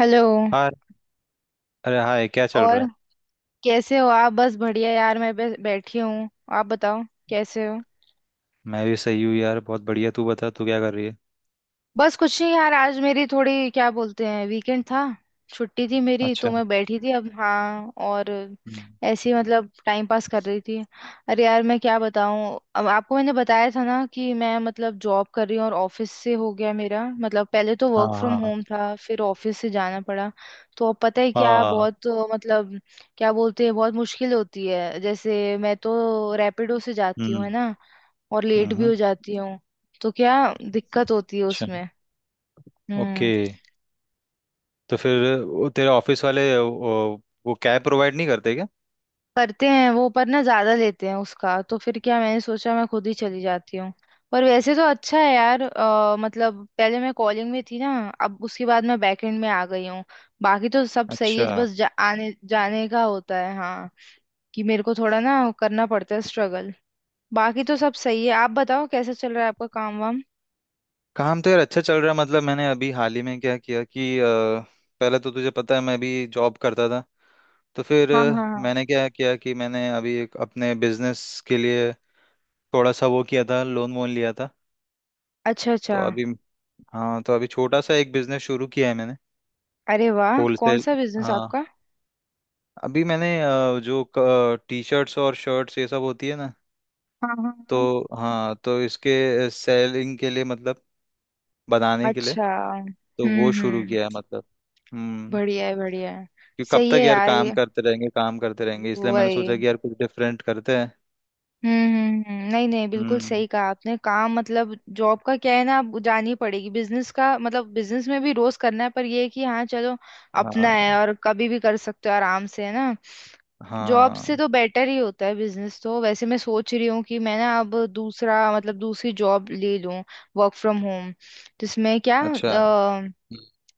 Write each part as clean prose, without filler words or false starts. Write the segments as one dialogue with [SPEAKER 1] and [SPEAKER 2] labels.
[SPEAKER 1] Hello.
[SPEAKER 2] Hi. अरे hi, क्या चल रहा
[SPEAKER 1] और
[SPEAKER 2] है?
[SPEAKER 1] कैसे हो आप। बस बढ़िया यार, मैं बस बैठी हूँ। आप बताओ कैसे हो।
[SPEAKER 2] मैं भी सही हूँ यार, बहुत बढ़िया। तू बता, तू क्या कर रही है?
[SPEAKER 1] बस कुछ नहीं यार, आज मेरी थोड़ी क्या बोलते हैं वीकेंड था। छुट्टी थी मेरी, तो
[SPEAKER 2] अच्छा।
[SPEAKER 1] मैं बैठी थी। अब हाँ, और
[SPEAKER 2] हम्म।
[SPEAKER 1] ऐसे ही मतलब टाइम पास कर रही थी। अरे यार मैं क्या बताऊँ। अब आपको मैंने बताया था ना कि मैं मतलब जॉब कर रही हूँ, और ऑफिस से हो गया मेरा मतलब, पहले तो
[SPEAKER 2] हाँ
[SPEAKER 1] वर्क फ्रॉम
[SPEAKER 2] हाँ।
[SPEAKER 1] होम था, फिर ऑफिस से जाना पड़ा। तो अब पता है क्या
[SPEAKER 2] हाँ।
[SPEAKER 1] बहुत मतलब क्या बोलते हैं, बहुत मुश्किल होती है। जैसे मैं तो रैपिडो से जाती हूँ,
[SPEAKER 2] हम्म
[SPEAKER 1] है ना। और लेट भी
[SPEAKER 2] हम्म।
[SPEAKER 1] हो जाती हूँ। तो क्या दिक्कत होती है
[SPEAKER 2] अच्छा।
[SPEAKER 1] उसमें। हम्म।
[SPEAKER 2] ओके। तो फिर वो तेरे ऑफिस वाले वो कैब प्रोवाइड नहीं करते क्या?
[SPEAKER 1] करते हैं वो, पर ना ज्यादा लेते हैं उसका। तो फिर क्या मैंने सोचा मैं खुद ही चली जाती हूँ। पर वैसे तो अच्छा है यार। मतलब पहले मैं कॉलिंग में थी ना, अब उसके बाद मैं बैकएंड में आ गई हूँ। बाकी तो सब सही
[SPEAKER 2] अच्छा।
[SPEAKER 1] है, बस आने जाने का होता है। हाँ कि मेरे को थोड़ा ना करना पड़ता है स्ट्रगल। बाकी तो सब सही है। आप बताओ, कैसा चल रहा है आपका काम वाम।
[SPEAKER 2] काम तो यार अच्छा चल रहा है। मतलब मैंने अभी हाल ही में क्या किया कि पहले तो तुझे पता है मैं अभी जॉब करता था। तो फिर
[SPEAKER 1] हाँ हाँ हाँ।
[SPEAKER 2] मैंने क्या किया कि मैंने अभी एक अपने बिजनेस के लिए थोड़ा सा वो किया था, लोन वोन लिया था।
[SPEAKER 1] अच्छा अच्छा।
[SPEAKER 2] तो अभी, हाँ, तो अभी छोटा सा एक बिजनेस शुरू किया है मैंने।
[SPEAKER 1] अरे वाह, कौन
[SPEAKER 2] होलसेल।
[SPEAKER 1] सा बिजनेस
[SPEAKER 2] हाँ,
[SPEAKER 1] आपका।
[SPEAKER 2] अभी मैंने जो टी शर्ट्स और शर्ट्स ये सब होती है ना,
[SPEAKER 1] हाँ हाँ हाँ।
[SPEAKER 2] तो हाँ, तो इसके सेलिंग के लिए, मतलब बनाने के लिए,
[SPEAKER 1] अच्छा।
[SPEAKER 2] तो वो शुरू
[SPEAKER 1] हम्म।
[SPEAKER 2] किया है। मतलब, हम्म,
[SPEAKER 1] बढ़िया है बढ़िया है।
[SPEAKER 2] कि कब
[SPEAKER 1] सही
[SPEAKER 2] तक
[SPEAKER 1] है
[SPEAKER 2] यार
[SPEAKER 1] यार
[SPEAKER 2] काम
[SPEAKER 1] ये
[SPEAKER 2] करते रहेंगे काम करते रहेंगे, इसलिए मैंने
[SPEAKER 1] वही।
[SPEAKER 2] सोचा कि यार कुछ डिफरेंट करते हैं।
[SPEAKER 1] नहीं नहीं बिल्कुल
[SPEAKER 2] हम्म।
[SPEAKER 1] सही कहा आपने। काम मतलब जॉब का क्या है ना, आप जानी ही पड़ेगी। बिजनेस का मतलब, बिजनेस में भी रोज करना है, पर ये है कि हाँ चलो अपना है,
[SPEAKER 2] हाँ
[SPEAKER 1] और कभी भी कर सकते हो आराम से, है ना। जॉब से
[SPEAKER 2] हाँ।
[SPEAKER 1] तो बेटर ही होता है बिजनेस तो। वैसे मैं सोच रही हूँ कि मैं ना अब दूसरा मतलब दूसरी जॉब ले लूँ, वर्क फ्रॉम होम, जिसमें क्या
[SPEAKER 2] अच्छा।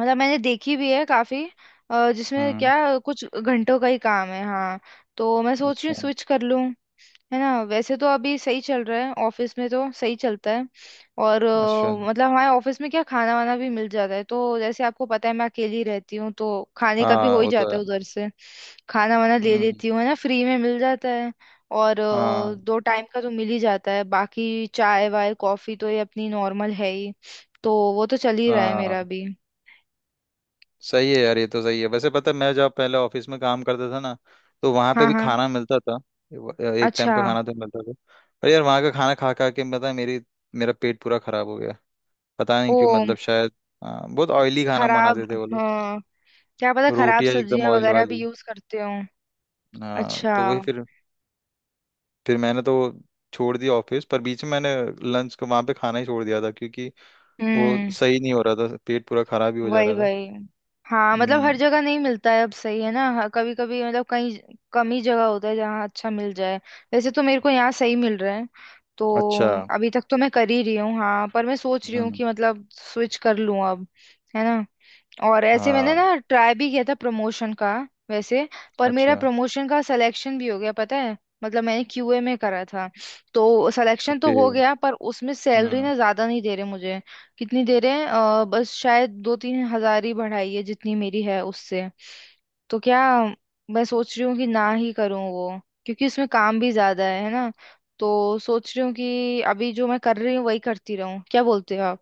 [SPEAKER 1] मतलब मैंने देखी भी है काफी। जिसमें
[SPEAKER 2] हम्म।
[SPEAKER 1] क्या कुछ घंटों का ही काम है। हाँ, तो मैं सोच रही हूँ
[SPEAKER 2] अच्छा
[SPEAKER 1] स्विच कर लूँ, है ना। वैसे तो अभी सही चल रहा है, ऑफिस में तो सही चलता है। और
[SPEAKER 2] अच्छा।
[SPEAKER 1] मतलब हमारे ऑफिस में क्या खाना वाना भी मिल जाता है। तो जैसे आपको पता है मैं अकेली रहती हूँ, तो खाने का भी हो
[SPEAKER 2] हाँ
[SPEAKER 1] ही
[SPEAKER 2] वो तो
[SPEAKER 1] जाता
[SPEAKER 2] है।
[SPEAKER 1] है उधर से। खाना वाना ले
[SPEAKER 2] हम्म।
[SPEAKER 1] लेती हूँ, है ना, फ्री में मिल जाता है। और
[SPEAKER 2] हाँ
[SPEAKER 1] दो टाइम का तो मिल ही जाता है, बाकी चाय वाय कॉफी तो ये अपनी नॉर्मल है ही। तो वो तो चल ही रहा है मेरा
[SPEAKER 2] हाँ।
[SPEAKER 1] भी।
[SPEAKER 2] सही है यार, ये तो सही है। वैसे पता है मैं जब पहले ऑफिस में काम करता था ना, तो वहां पे
[SPEAKER 1] हाँ
[SPEAKER 2] भी
[SPEAKER 1] हाँ।
[SPEAKER 2] खाना मिलता था। एक टाइम
[SPEAKER 1] अच्छा।
[SPEAKER 2] का खाना तो मिलता था। पर यार वहां का खाना खा खा के पता है मेरी मेरा पेट पूरा खराब हो गया। पता नहीं क्यों,
[SPEAKER 1] ओ।
[SPEAKER 2] मतलब शायद, हाँ, बहुत ऑयली खाना
[SPEAKER 1] खराब।
[SPEAKER 2] बनाते थे वो लोग।
[SPEAKER 1] हाँ, क्या पता खराब
[SPEAKER 2] रोटियां एकदम
[SPEAKER 1] सब्जियां
[SPEAKER 2] ऑयल
[SPEAKER 1] वगैरह भी
[SPEAKER 2] वाली।
[SPEAKER 1] यूज करते हो।
[SPEAKER 2] हाँ
[SPEAKER 1] अच्छा।
[SPEAKER 2] तो वही फिर मैंने तो छोड़ दिया ऑफिस। पर बीच में मैंने लंच को वहां पे खाना ही छोड़ दिया था, क्योंकि वो
[SPEAKER 1] हम्म।
[SPEAKER 2] सही नहीं हो रहा था, पेट पूरा खराब ही हो जा
[SPEAKER 1] वही
[SPEAKER 2] रहा था।
[SPEAKER 1] वही। हाँ मतलब हर
[SPEAKER 2] हम्म।
[SPEAKER 1] जगह नहीं मिलता है अब, सही है ना। कभी कभी मतलब कहीं, कम ही जगह होता है जहाँ अच्छा मिल जाए। वैसे तो मेरे को यहाँ सही मिल रहा है। तो
[SPEAKER 2] अच्छा।
[SPEAKER 1] अभी तक तो मैं कर ही रही हूँ। हाँ पर मैं सोच रही हूँ
[SPEAKER 2] हम्म।
[SPEAKER 1] कि मतलब स्विच कर लूँ अब, है ना। और ऐसे मैंने
[SPEAKER 2] हाँ।
[SPEAKER 1] ना ट्राई भी किया था प्रमोशन का वैसे। पर मेरा
[SPEAKER 2] अच्छा।
[SPEAKER 1] प्रमोशन का सिलेक्शन भी हो गया, पता है। मतलब मैंने क्यूए में करा था। तो सिलेक्शन तो
[SPEAKER 2] ओके।
[SPEAKER 1] हो गया, पर उसमें सैलरी
[SPEAKER 2] हम्म।
[SPEAKER 1] ना ज्यादा नहीं दे रहे मुझे। कितनी दे रहे हैं बस शायद 2-3 हज़ार ही बढ़ाई है जितनी मेरी है उससे। तो क्या मैं सोच रही हूँ कि ना ही करूँ वो, क्योंकि उसमें काम भी ज्यादा है ना। तो सोच रही हूँ कि अभी जो मैं कर रही हूँ वही करती रहूँ। क्या बोलते हो आप।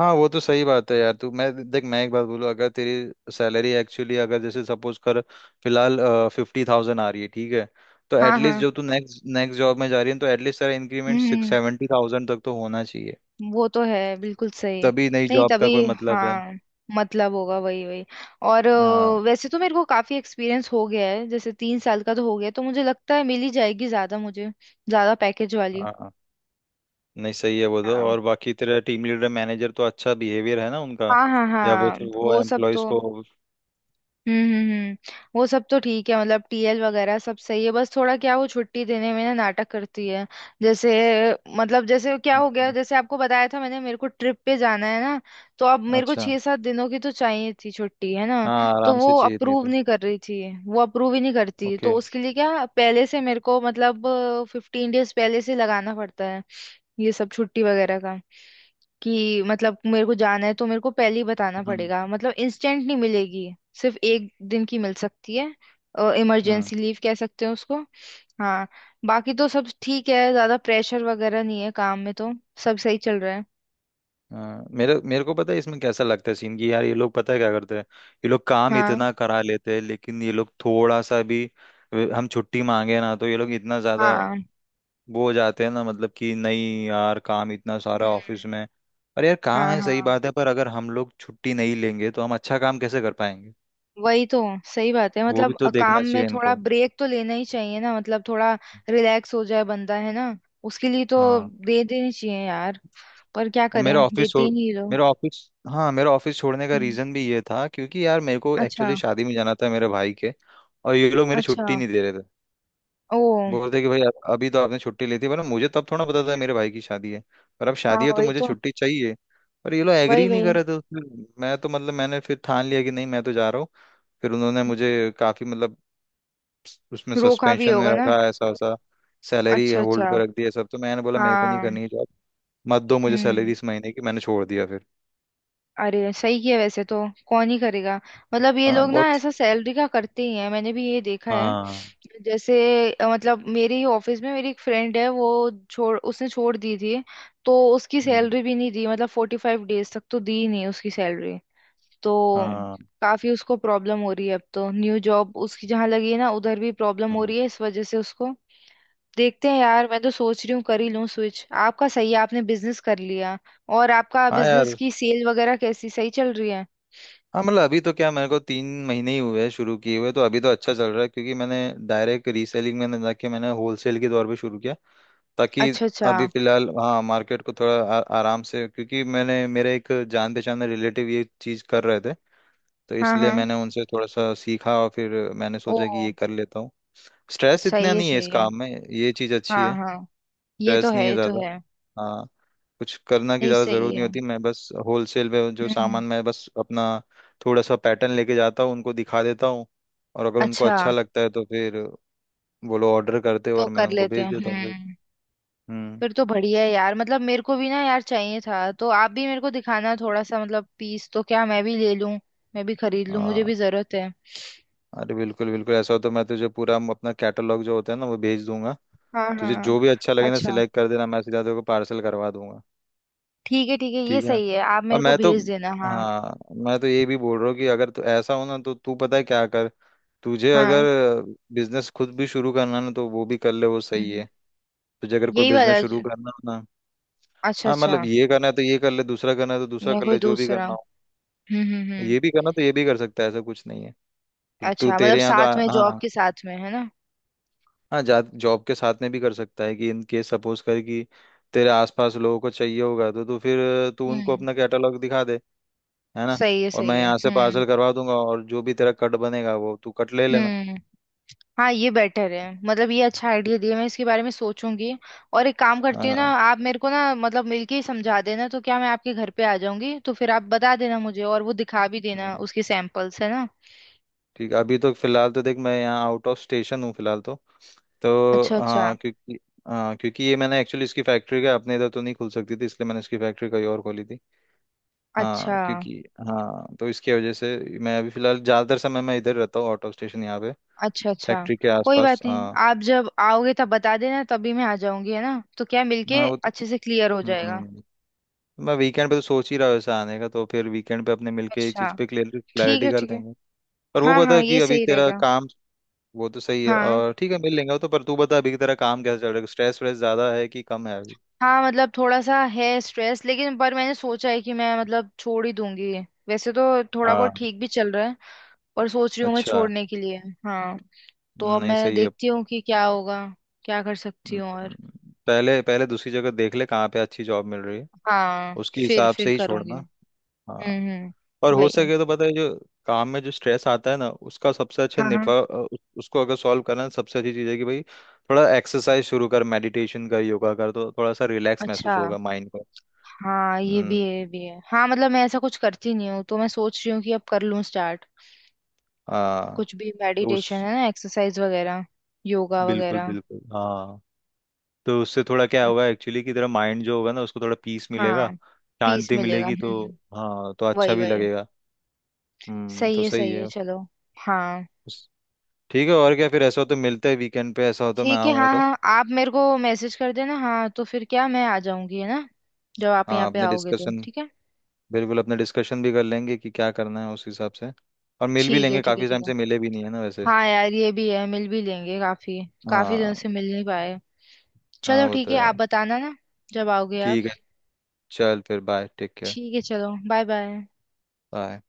[SPEAKER 2] हाँ वो तो सही बात है यार। तू, मैं देख, मैं एक बात बोलूँ, अगर तेरी सैलरी एक्चुअली, अगर जैसे सपोज कर, फिलहाल 50,000 आ रही है, ठीक है, तो
[SPEAKER 1] हाँ
[SPEAKER 2] एटलीस्ट
[SPEAKER 1] हाँ।
[SPEAKER 2] जो तू नेक्स्ट नेक्स्ट जॉब में जा रही है, तो एटलीस्ट तेरा इंक्रीमेंट
[SPEAKER 1] हम्म
[SPEAKER 2] सिक्स
[SPEAKER 1] हम्म।
[SPEAKER 2] सेवेंटी थाउजेंड तक तो होना चाहिए।
[SPEAKER 1] वो तो है, बिल्कुल सही।
[SPEAKER 2] तभी नई
[SPEAKER 1] नहीं
[SPEAKER 2] जॉब का
[SPEAKER 1] तभी।
[SPEAKER 2] कोई मतलब है।
[SPEAKER 1] हाँ मतलब होगा वही वही। और
[SPEAKER 2] हाँ
[SPEAKER 1] वैसे तो मेरे को काफी एक्सपीरियंस हो गया है, जैसे 3 साल का तो हो गया। तो मुझे लगता है मिल ही जाएगी, ज्यादा मुझे ज्यादा पैकेज वाली।
[SPEAKER 2] हाँ। नहीं सही है वो तो।
[SPEAKER 1] हाँ
[SPEAKER 2] और बाकी तेरा टीम लीडर, मैनेजर तो अच्छा, बिहेवियर है ना उनका?
[SPEAKER 1] हाँ हाँ।
[SPEAKER 2] या वो,
[SPEAKER 1] हाँ
[SPEAKER 2] फिर वो
[SPEAKER 1] वो सब
[SPEAKER 2] एम्प्लॉयज
[SPEAKER 1] तो।
[SPEAKER 2] को।
[SPEAKER 1] हम्म हम्म हम्म, वो सब तो ठीक है मतलब। टीएल वगैरह सब सही है, बस थोड़ा क्या वो छुट्टी देने में ना नाटक करती है। जैसे मतलब, जैसे क्या हो गया, जैसे आपको बताया था मैंने, मेरे को ट्रिप पे जाना है ना। तो अब मेरे को
[SPEAKER 2] अच्छा।
[SPEAKER 1] 6-7 दिनों की तो चाहिए थी छुट्टी, है ना।
[SPEAKER 2] हाँ,
[SPEAKER 1] तो
[SPEAKER 2] आराम से
[SPEAKER 1] वो
[SPEAKER 2] चाहिए नहीं
[SPEAKER 1] अप्रूव
[SPEAKER 2] तो।
[SPEAKER 1] नहीं कर रही थी, वो अप्रूव ही नहीं करती। तो
[SPEAKER 2] ओके।
[SPEAKER 1] उसके लिए क्या पहले से मेरे को मतलब 15 days पहले से लगाना पड़ता है, ये सब छुट्टी वगैरह का। कि मतलब मेरे को जाना है तो मेरे को पहले ही बताना
[SPEAKER 2] हम्म
[SPEAKER 1] पड़ेगा, मतलब इंस्टेंट नहीं मिलेगी। सिर्फ एक दिन की मिल सकती है,
[SPEAKER 2] हम्म।
[SPEAKER 1] इमरजेंसी लीव कह सकते हैं उसको। हाँ। बाकी तो सब ठीक है, ज्यादा प्रेशर वगैरह नहीं है काम में। तो सब सही चल रहा है।
[SPEAKER 2] हाँ मेरे मेरे को पता है इसमें कैसा लगता है सीन की। यार ये लोग पता है क्या करते हैं, ये लोग काम
[SPEAKER 1] हाँ
[SPEAKER 2] इतना करा लेते हैं, लेकिन ये लोग थोड़ा सा भी हम छुट्टी मांगे ना, तो ये लोग इतना ज्यादा
[SPEAKER 1] हाँ।
[SPEAKER 2] वो हो जाते हैं ना, मतलब कि नहीं यार, काम इतना सारा ऑफिस
[SPEAKER 1] हम्म।
[SPEAKER 2] में। और यार काम
[SPEAKER 1] हाँ
[SPEAKER 2] है सही
[SPEAKER 1] हाँ।
[SPEAKER 2] बात है, पर अगर हम लोग छुट्टी नहीं लेंगे तो हम अच्छा काम कैसे कर पाएंगे?
[SPEAKER 1] वही तो, सही बात है।
[SPEAKER 2] वो
[SPEAKER 1] मतलब
[SPEAKER 2] भी तो
[SPEAKER 1] काम
[SPEAKER 2] देखना
[SPEAKER 1] में
[SPEAKER 2] चाहिए
[SPEAKER 1] थोड़ा
[SPEAKER 2] इनको।
[SPEAKER 1] ब्रेक तो लेना ही चाहिए ना, मतलब थोड़ा रिलैक्स हो जाए बंदा, है ना। उसके लिए तो
[SPEAKER 2] हाँ।
[SPEAKER 1] दे देनी चाहिए यार। पर क्या
[SPEAKER 2] और
[SPEAKER 1] करें, देते ही नहीं लोग।
[SPEAKER 2] मेरा ऑफिस हाँ, मेरा ऑफिस छोड़ने का
[SPEAKER 1] हम्म,
[SPEAKER 2] रीजन भी ये था, क्योंकि यार मेरे को
[SPEAKER 1] अच्छा
[SPEAKER 2] एक्चुअली शादी में जाना था मेरे भाई के। और ये लोग मेरी
[SPEAKER 1] अच्छा।
[SPEAKER 2] छुट्टी नहीं दे रहे थे।
[SPEAKER 1] ओ।
[SPEAKER 2] बोलते कि भाई, अभी तो आपने छुट्टी ली थी, वरना मुझे तब थोड़ा पता था मेरे भाई की शादी है। पर अब
[SPEAKER 1] हाँ
[SPEAKER 2] शादी है तो
[SPEAKER 1] वही
[SPEAKER 2] मुझे
[SPEAKER 1] तो।
[SPEAKER 2] छुट्टी चाहिए। पर ये लोग
[SPEAKER 1] वही
[SPEAKER 2] एग्री नहीं
[SPEAKER 1] वही।
[SPEAKER 2] कर रहे थे उसमें। मैं तो मतलब मैंने फिर ठान लिया कि नहीं, मैं तो जा रहा हूँ। फिर उन्होंने मुझे काफी मतलब उसमें
[SPEAKER 1] रोका भी
[SPEAKER 2] सस्पेंशन में
[SPEAKER 1] होगा ना।
[SPEAKER 2] रखा, ऐसा वैसा, सैलरी
[SPEAKER 1] अच्छा
[SPEAKER 2] होल्ड
[SPEAKER 1] अच्छा।
[SPEAKER 2] पर रख दिया सब। तो मैंने बोला मेरे को नहीं
[SPEAKER 1] हाँ।
[SPEAKER 2] करनी है जॉब, मत दो मुझे सैलरी
[SPEAKER 1] हम्म।
[SPEAKER 2] इस महीने की। मैंने छोड़ दिया फिर।
[SPEAKER 1] अरे सही है वैसे तो, कौन ही करेगा। मतलब ये
[SPEAKER 2] हाँ
[SPEAKER 1] लोग ना
[SPEAKER 2] बहुत।
[SPEAKER 1] ऐसा सैलरी का करते ही हैं, मैंने भी ये देखा है।
[SPEAKER 2] हाँ।
[SPEAKER 1] जैसे मतलब मेरे ही ऑफिस में मेरी एक फ्रेंड है, वो छोड़ उसने छोड़ दी थी। तो उसकी
[SPEAKER 2] हम्म।
[SPEAKER 1] सैलरी भी नहीं दी, मतलब 45 days तक तो दी ही नहीं उसकी सैलरी। तो
[SPEAKER 2] हाँ।
[SPEAKER 1] काफी उसको प्रॉब्लम हो रही है, अब तो न्यू जॉब उसकी जहाँ लगी है ना, उधर भी प्रॉब्लम हो
[SPEAKER 2] हम्म।
[SPEAKER 1] रही है इस वजह से उसको। देखते हैं यार, मैं तो सोच रही हूँ कर ही लूँ स्विच। आपका सही है, आपने बिजनेस कर लिया। और आपका
[SPEAKER 2] हाँ
[SPEAKER 1] बिजनेस
[SPEAKER 2] यार।
[SPEAKER 1] की सेल वगैरह कैसी, सही चल रही है।
[SPEAKER 2] हाँ मतलब अभी तो क्या, मेरे को 3 महीने ही हुए हैं शुरू किए हुए, तो अभी तो अच्छा चल रहा है, क्योंकि मैंने डायरेक्ट रीसेलिंग में ना जाके मैंने होलसेल के दौर पे शुरू किया, ताकि
[SPEAKER 1] अच्छा अच्छा।
[SPEAKER 2] अभी फिलहाल, हाँ, मार्केट को थोड़ा आराम से, क्योंकि मैंने मेरे एक जान पहचान में रिलेटिव ये चीज़ कर रहे थे, तो
[SPEAKER 1] हाँ
[SPEAKER 2] इसलिए
[SPEAKER 1] हाँ।
[SPEAKER 2] मैंने उनसे थोड़ा सा सीखा और फिर मैंने
[SPEAKER 1] ओ।
[SPEAKER 2] सोचा कि ये कर लेता हूँ। स्ट्रेस इतना
[SPEAKER 1] सही है
[SPEAKER 2] नहीं है इस
[SPEAKER 1] सही है।
[SPEAKER 2] काम में, ये चीज़ अच्छी
[SPEAKER 1] हाँ
[SPEAKER 2] है,
[SPEAKER 1] हाँ। ये तो
[SPEAKER 2] स्ट्रेस नहीं
[SPEAKER 1] है
[SPEAKER 2] है
[SPEAKER 1] ये तो
[SPEAKER 2] ज़्यादा।
[SPEAKER 1] है।
[SPEAKER 2] हाँ। कुछ करना की
[SPEAKER 1] नहीं
[SPEAKER 2] ज़्यादा ज़रूरत
[SPEAKER 1] सही
[SPEAKER 2] नहीं
[SPEAKER 1] है।
[SPEAKER 2] होती। मैं बस होलसेल पे जो
[SPEAKER 1] हम्म।
[SPEAKER 2] सामान, मैं बस अपना थोड़ा सा पैटर्न लेके जाता हूँ, उनको दिखा देता हूँ, और अगर उनको
[SPEAKER 1] अच्छा।
[SPEAKER 2] अच्छा लगता है तो फिर वो लोग ऑर्डर करते हैं
[SPEAKER 1] तो
[SPEAKER 2] और मैं
[SPEAKER 1] कर
[SPEAKER 2] उनको
[SPEAKER 1] लेते
[SPEAKER 2] भेज
[SPEAKER 1] हैं
[SPEAKER 2] देता हूँ फिर।
[SPEAKER 1] हम्म।
[SPEAKER 2] हम्म।
[SPEAKER 1] फिर तो बढ़िया है यार। मतलब मेरे को भी ना यार चाहिए था, तो आप भी मेरे को दिखाना थोड़ा सा मतलब पीस, तो क्या मैं भी ले लूं, मैं भी खरीद लूं, मुझे
[SPEAKER 2] हाँ।
[SPEAKER 1] भी जरूरत है।
[SPEAKER 2] अरे बिल्कुल बिल्कुल, ऐसा हो तो मैं तुझे पूरा अपना कैटलॉग जो होता है ना, वो भेज दूंगा।
[SPEAKER 1] हाँ
[SPEAKER 2] तुझे
[SPEAKER 1] हाँ।
[SPEAKER 2] जो भी अच्छा लगे ना
[SPEAKER 1] अच्छा,
[SPEAKER 2] सिलेक्ट कर देना, मैं सीधा तेरे को पार्सल करवा दूंगा।
[SPEAKER 1] ठीक है ठीक है, ये
[SPEAKER 2] ठीक है।
[SPEAKER 1] सही है, आप
[SPEAKER 2] और
[SPEAKER 1] मेरे को
[SPEAKER 2] मैं तो,
[SPEAKER 1] भेज देना हाँ।
[SPEAKER 2] हाँ, मैं तो ये भी बोल रहा हूँ कि अगर तो ऐसा हो ना तो तू पता है क्या कर, तुझे अगर
[SPEAKER 1] हाँ।
[SPEAKER 2] बिजनेस खुद भी शुरू करना है ना तो वो भी कर ले, वो सही
[SPEAKER 1] हम्म,
[SPEAKER 2] है। तुझे अगर कोई
[SPEAKER 1] यही
[SPEAKER 2] बिजनेस
[SPEAKER 1] वाला
[SPEAKER 2] शुरू
[SPEAKER 1] ज-
[SPEAKER 2] करना हो ना,
[SPEAKER 1] अच्छा
[SPEAKER 2] हाँ
[SPEAKER 1] अच्छा,
[SPEAKER 2] मतलब ये करना है तो ये कर ले, दूसरा करना है तो दूसरा
[SPEAKER 1] या
[SPEAKER 2] कर
[SPEAKER 1] कोई
[SPEAKER 2] ले, जो भी
[SPEAKER 1] दूसरा।
[SPEAKER 2] करना हो,
[SPEAKER 1] हम्म।
[SPEAKER 2] ये भी करना तो ये भी कर सकता है, ऐसा कुछ नहीं है। तू तू
[SPEAKER 1] अच्छा मतलब
[SPEAKER 2] तेरे यहाँ तो
[SPEAKER 1] साथ में, जॉब
[SPEAKER 2] हाँ,
[SPEAKER 1] के साथ में, है ना।
[SPEAKER 2] हाँ, जा, जॉब के साथ में भी कर सकता है, कि इन केस सपोज कर कि तेरे आसपास लोगों को चाहिए होगा तो तू फिर, तू उनको
[SPEAKER 1] हम्म।
[SPEAKER 2] अपना कैटलॉग दिखा दे, है ना, और
[SPEAKER 1] सही
[SPEAKER 2] मैं
[SPEAKER 1] है
[SPEAKER 2] यहाँ से पार्सल करवा दूंगा, और जो भी तेरा कट बनेगा वो तू कट ले लेना।
[SPEAKER 1] हम्म। हाँ ये बेटर है। मतलब ये अच्छा आइडिया दिया, मैं इसके बारे में सोचूंगी। और एक काम करती हूँ ना,
[SPEAKER 2] हाँ।
[SPEAKER 1] आप मेरे को ना मतलब मिलके ही समझा देना, तो क्या मैं आपके घर पे आ जाऊंगी, तो फिर आप बता देना मुझे और वो दिखा भी देना
[SPEAKER 2] हम्म।
[SPEAKER 1] उसके सैंपल्स, है ना।
[SPEAKER 2] ठीक है, अभी तो फिलहाल तो देख, मैं यहाँ आउट ऑफ स्टेशन हूँ फिलहाल, तो
[SPEAKER 1] अच्छा अच्छा।
[SPEAKER 2] हाँ क्योंकि, हाँ क्योंकि ये मैंने एक्चुअली इसकी फैक्ट्री का अपने इधर तो नहीं खुल सकती थी, इसलिए मैंने इसकी फैक्ट्री कहीं और खोली थी। हाँ
[SPEAKER 1] अच्छा
[SPEAKER 2] क्योंकि, हाँ, तो इसकी वजह से मैं अभी फिलहाल ज़्यादातर समय मैं इधर रहता हूँ, आउट ऑफ स्टेशन यहाँ पे,
[SPEAKER 1] अच्छा। अच्छा।
[SPEAKER 2] फैक्ट्री के
[SPEAKER 1] कोई
[SPEAKER 2] आसपास।
[SPEAKER 1] बात नहीं,
[SPEAKER 2] हाँ।
[SPEAKER 1] आप जब आओगे तब बता देना, तभी मैं आ जाऊंगी, है ना। तो क्या मिलके
[SPEAKER 2] हाँ वो तो,
[SPEAKER 1] अच्छे से क्लियर हो जाएगा।
[SPEAKER 2] हम्म, मैं वीकेंड पे तो सोच ही रहा हूँ ऐसा आने का, तो फिर वीकेंड पे अपने मिलके ये
[SPEAKER 1] अच्छा।
[SPEAKER 2] चीज़ पे क्लियर
[SPEAKER 1] ठीक
[SPEAKER 2] क्लैरिटी
[SPEAKER 1] है
[SPEAKER 2] कर
[SPEAKER 1] ठीक है।
[SPEAKER 2] देंगे। पर वो
[SPEAKER 1] हाँ
[SPEAKER 2] बता
[SPEAKER 1] हाँ,
[SPEAKER 2] कि
[SPEAKER 1] ये
[SPEAKER 2] अभी
[SPEAKER 1] सही
[SPEAKER 2] तेरा
[SPEAKER 1] रहेगा।
[SPEAKER 2] काम, वो तो सही है
[SPEAKER 1] हाँ
[SPEAKER 2] और ठीक है मिल लेंगे वो तो, पर तू बता अभी तेरा काम कैसा चल रहा है, स्ट्रेस व्रेस ज्यादा है कि कम है अभी?
[SPEAKER 1] हाँ मतलब थोड़ा सा है स्ट्रेस, लेकिन पर मैंने सोचा है कि मैं मतलब छोड़ ही दूंगी। वैसे तो थोड़ा बहुत
[SPEAKER 2] हाँ।
[SPEAKER 1] ठीक भी चल रहा है, पर सोच रही हूँ मैं
[SPEAKER 2] अच्छा।
[SPEAKER 1] छोड़ने के लिए। हाँ। तो अब
[SPEAKER 2] नहीं
[SPEAKER 1] मैं
[SPEAKER 2] सही है।
[SPEAKER 1] देखती हूँ कि क्या होगा, क्या कर सकती हूँ। और
[SPEAKER 2] हम्म। पहले पहले दूसरी जगह देख ले कहाँ पे अच्छी जॉब मिल रही है,
[SPEAKER 1] हाँ
[SPEAKER 2] उसके
[SPEAKER 1] फिर
[SPEAKER 2] हिसाब
[SPEAKER 1] फिर
[SPEAKER 2] से ही
[SPEAKER 1] करूंगी।
[SPEAKER 2] छोड़ना। हाँ। और हो
[SPEAKER 1] वही।
[SPEAKER 2] सके तो पता है जो काम में जो स्ट्रेस आता है ना, उसका सबसे अच्छा
[SPEAKER 1] हाँ हाँ।
[SPEAKER 2] नेटवर्क, उसको अगर सॉल्व करना है, सबसे अच्छी चीज़ है कि भाई थोड़ा एक्सरसाइज शुरू कर, मेडिटेशन कर, योगा कर, तो थोड़ा सा रिलैक्स
[SPEAKER 1] अच्छा,
[SPEAKER 2] महसूस होगा माइंड को।
[SPEAKER 1] हाँ ये
[SPEAKER 2] हम्म।
[SPEAKER 1] भी है, ये भी है हाँ। मतलब मैं ऐसा कुछ करती नहीं हूँ, तो मैं सोच रही हूँ कि अब कर लूँ स्टार्ट।
[SPEAKER 2] हाँ,
[SPEAKER 1] कुछ भी
[SPEAKER 2] तो
[SPEAKER 1] मेडिटेशन,
[SPEAKER 2] उस
[SPEAKER 1] है ना, एक्सरसाइज वगैरह, योगा
[SPEAKER 2] बिल्कुल
[SPEAKER 1] वगैरह।
[SPEAKER 2] बिल्कुल, हाँ, तो उससे थोड़ा क्या होगा
[SPEAKER 1] अच्छा।
[SPEAKER 2] एक्चुअली कि तेरा माइंड जो होगा ना उसको थोड़ा पीस मिलेगा,
[SPEAKER 1] हाँ पीस
[SPEAKER 2] शांति
[SPEAKER 1] मिलेगा
[SPEAKER 2] मिलेगी तो।
[SPEAKER 1] हम्म।
[SPEAKER 2] हाँ, तो अच्छा
[SPEAKER 1] वही
[SPEAKER 2] भी
[SPEAKER 1] वही।
[SPEAKER 2] लगेगा। हम्म, तो सही
[SPEAKER 1] सही है
[SPEAKER 2] है।
[SPEAKER 1] चलो। हाँ।
[SPEAKER 2] उस- ठीक है, और क्या, फिर ऐसा हो तो मिलते हैं वीकेंड पे, ऐसा हो तो मैं
[SPEAKER 1] ठीक है,
[SPEAKER 2] आऊँगा
[SPEAKER 1] हाँ
[SPEAKER 2] तो।
[SPEAKER 1] हाँ, आप मेरे को मैसेज कर देना हाँ। तो फिर क्या मैं आ जाऊंगी, है ना, जब आप
[SPEAKER 2] हाँ,
[SPEAKER 1] यहाँ पे
[SPEAKER 2] अपने
[SPEAKER 1] आओगे। तो
[SPEAKER 2] डिस्कशन,
[SPEAKER 1] ठीक है।
[SPEAKER 2] बिल्कुल अपने डिस्कशन भी कर लेंगे कि क्या करना है उस हिसाब से, और मिल भी
[SPEAKER 1] ठीक है
[SPEAKER 2] लेंगे,
[SPEAKER 1] ठीक है
[SPEAKER 2] काफ़ी
[SPEAKER 1] ठीक
[SPEAKER 2] टाइम
[SPEAKER 1] है।
[SPEAKER 2] से मिले भी नहीं है ना वैसे।
[SPEAKER 1] हाँ यार ये भी है, मिल भी लेंगे। काफी काफी
[SPEAKER 2] हाँ।
[SPEAKER 1] दिन से मिल नहीं पाए।
[SPEAKER 2] हाँ
[SPEAKER 1] चलो
[SPEAKER 2] वो
[SPEAKER 1] ठीक
[SPEAKER 2] तो
[SPEAKER 1] है,
[SPEAKER 2] है।
[SPEAKER 1] आप बताना ना जब आओगे आप।
[SPEAKER 2] ठीक है, चल फिर, बाय, टेक केयर।
[SPEAKER 1] ठीक है चलो, बाय बाय।
[SPEAKER 2] बाय।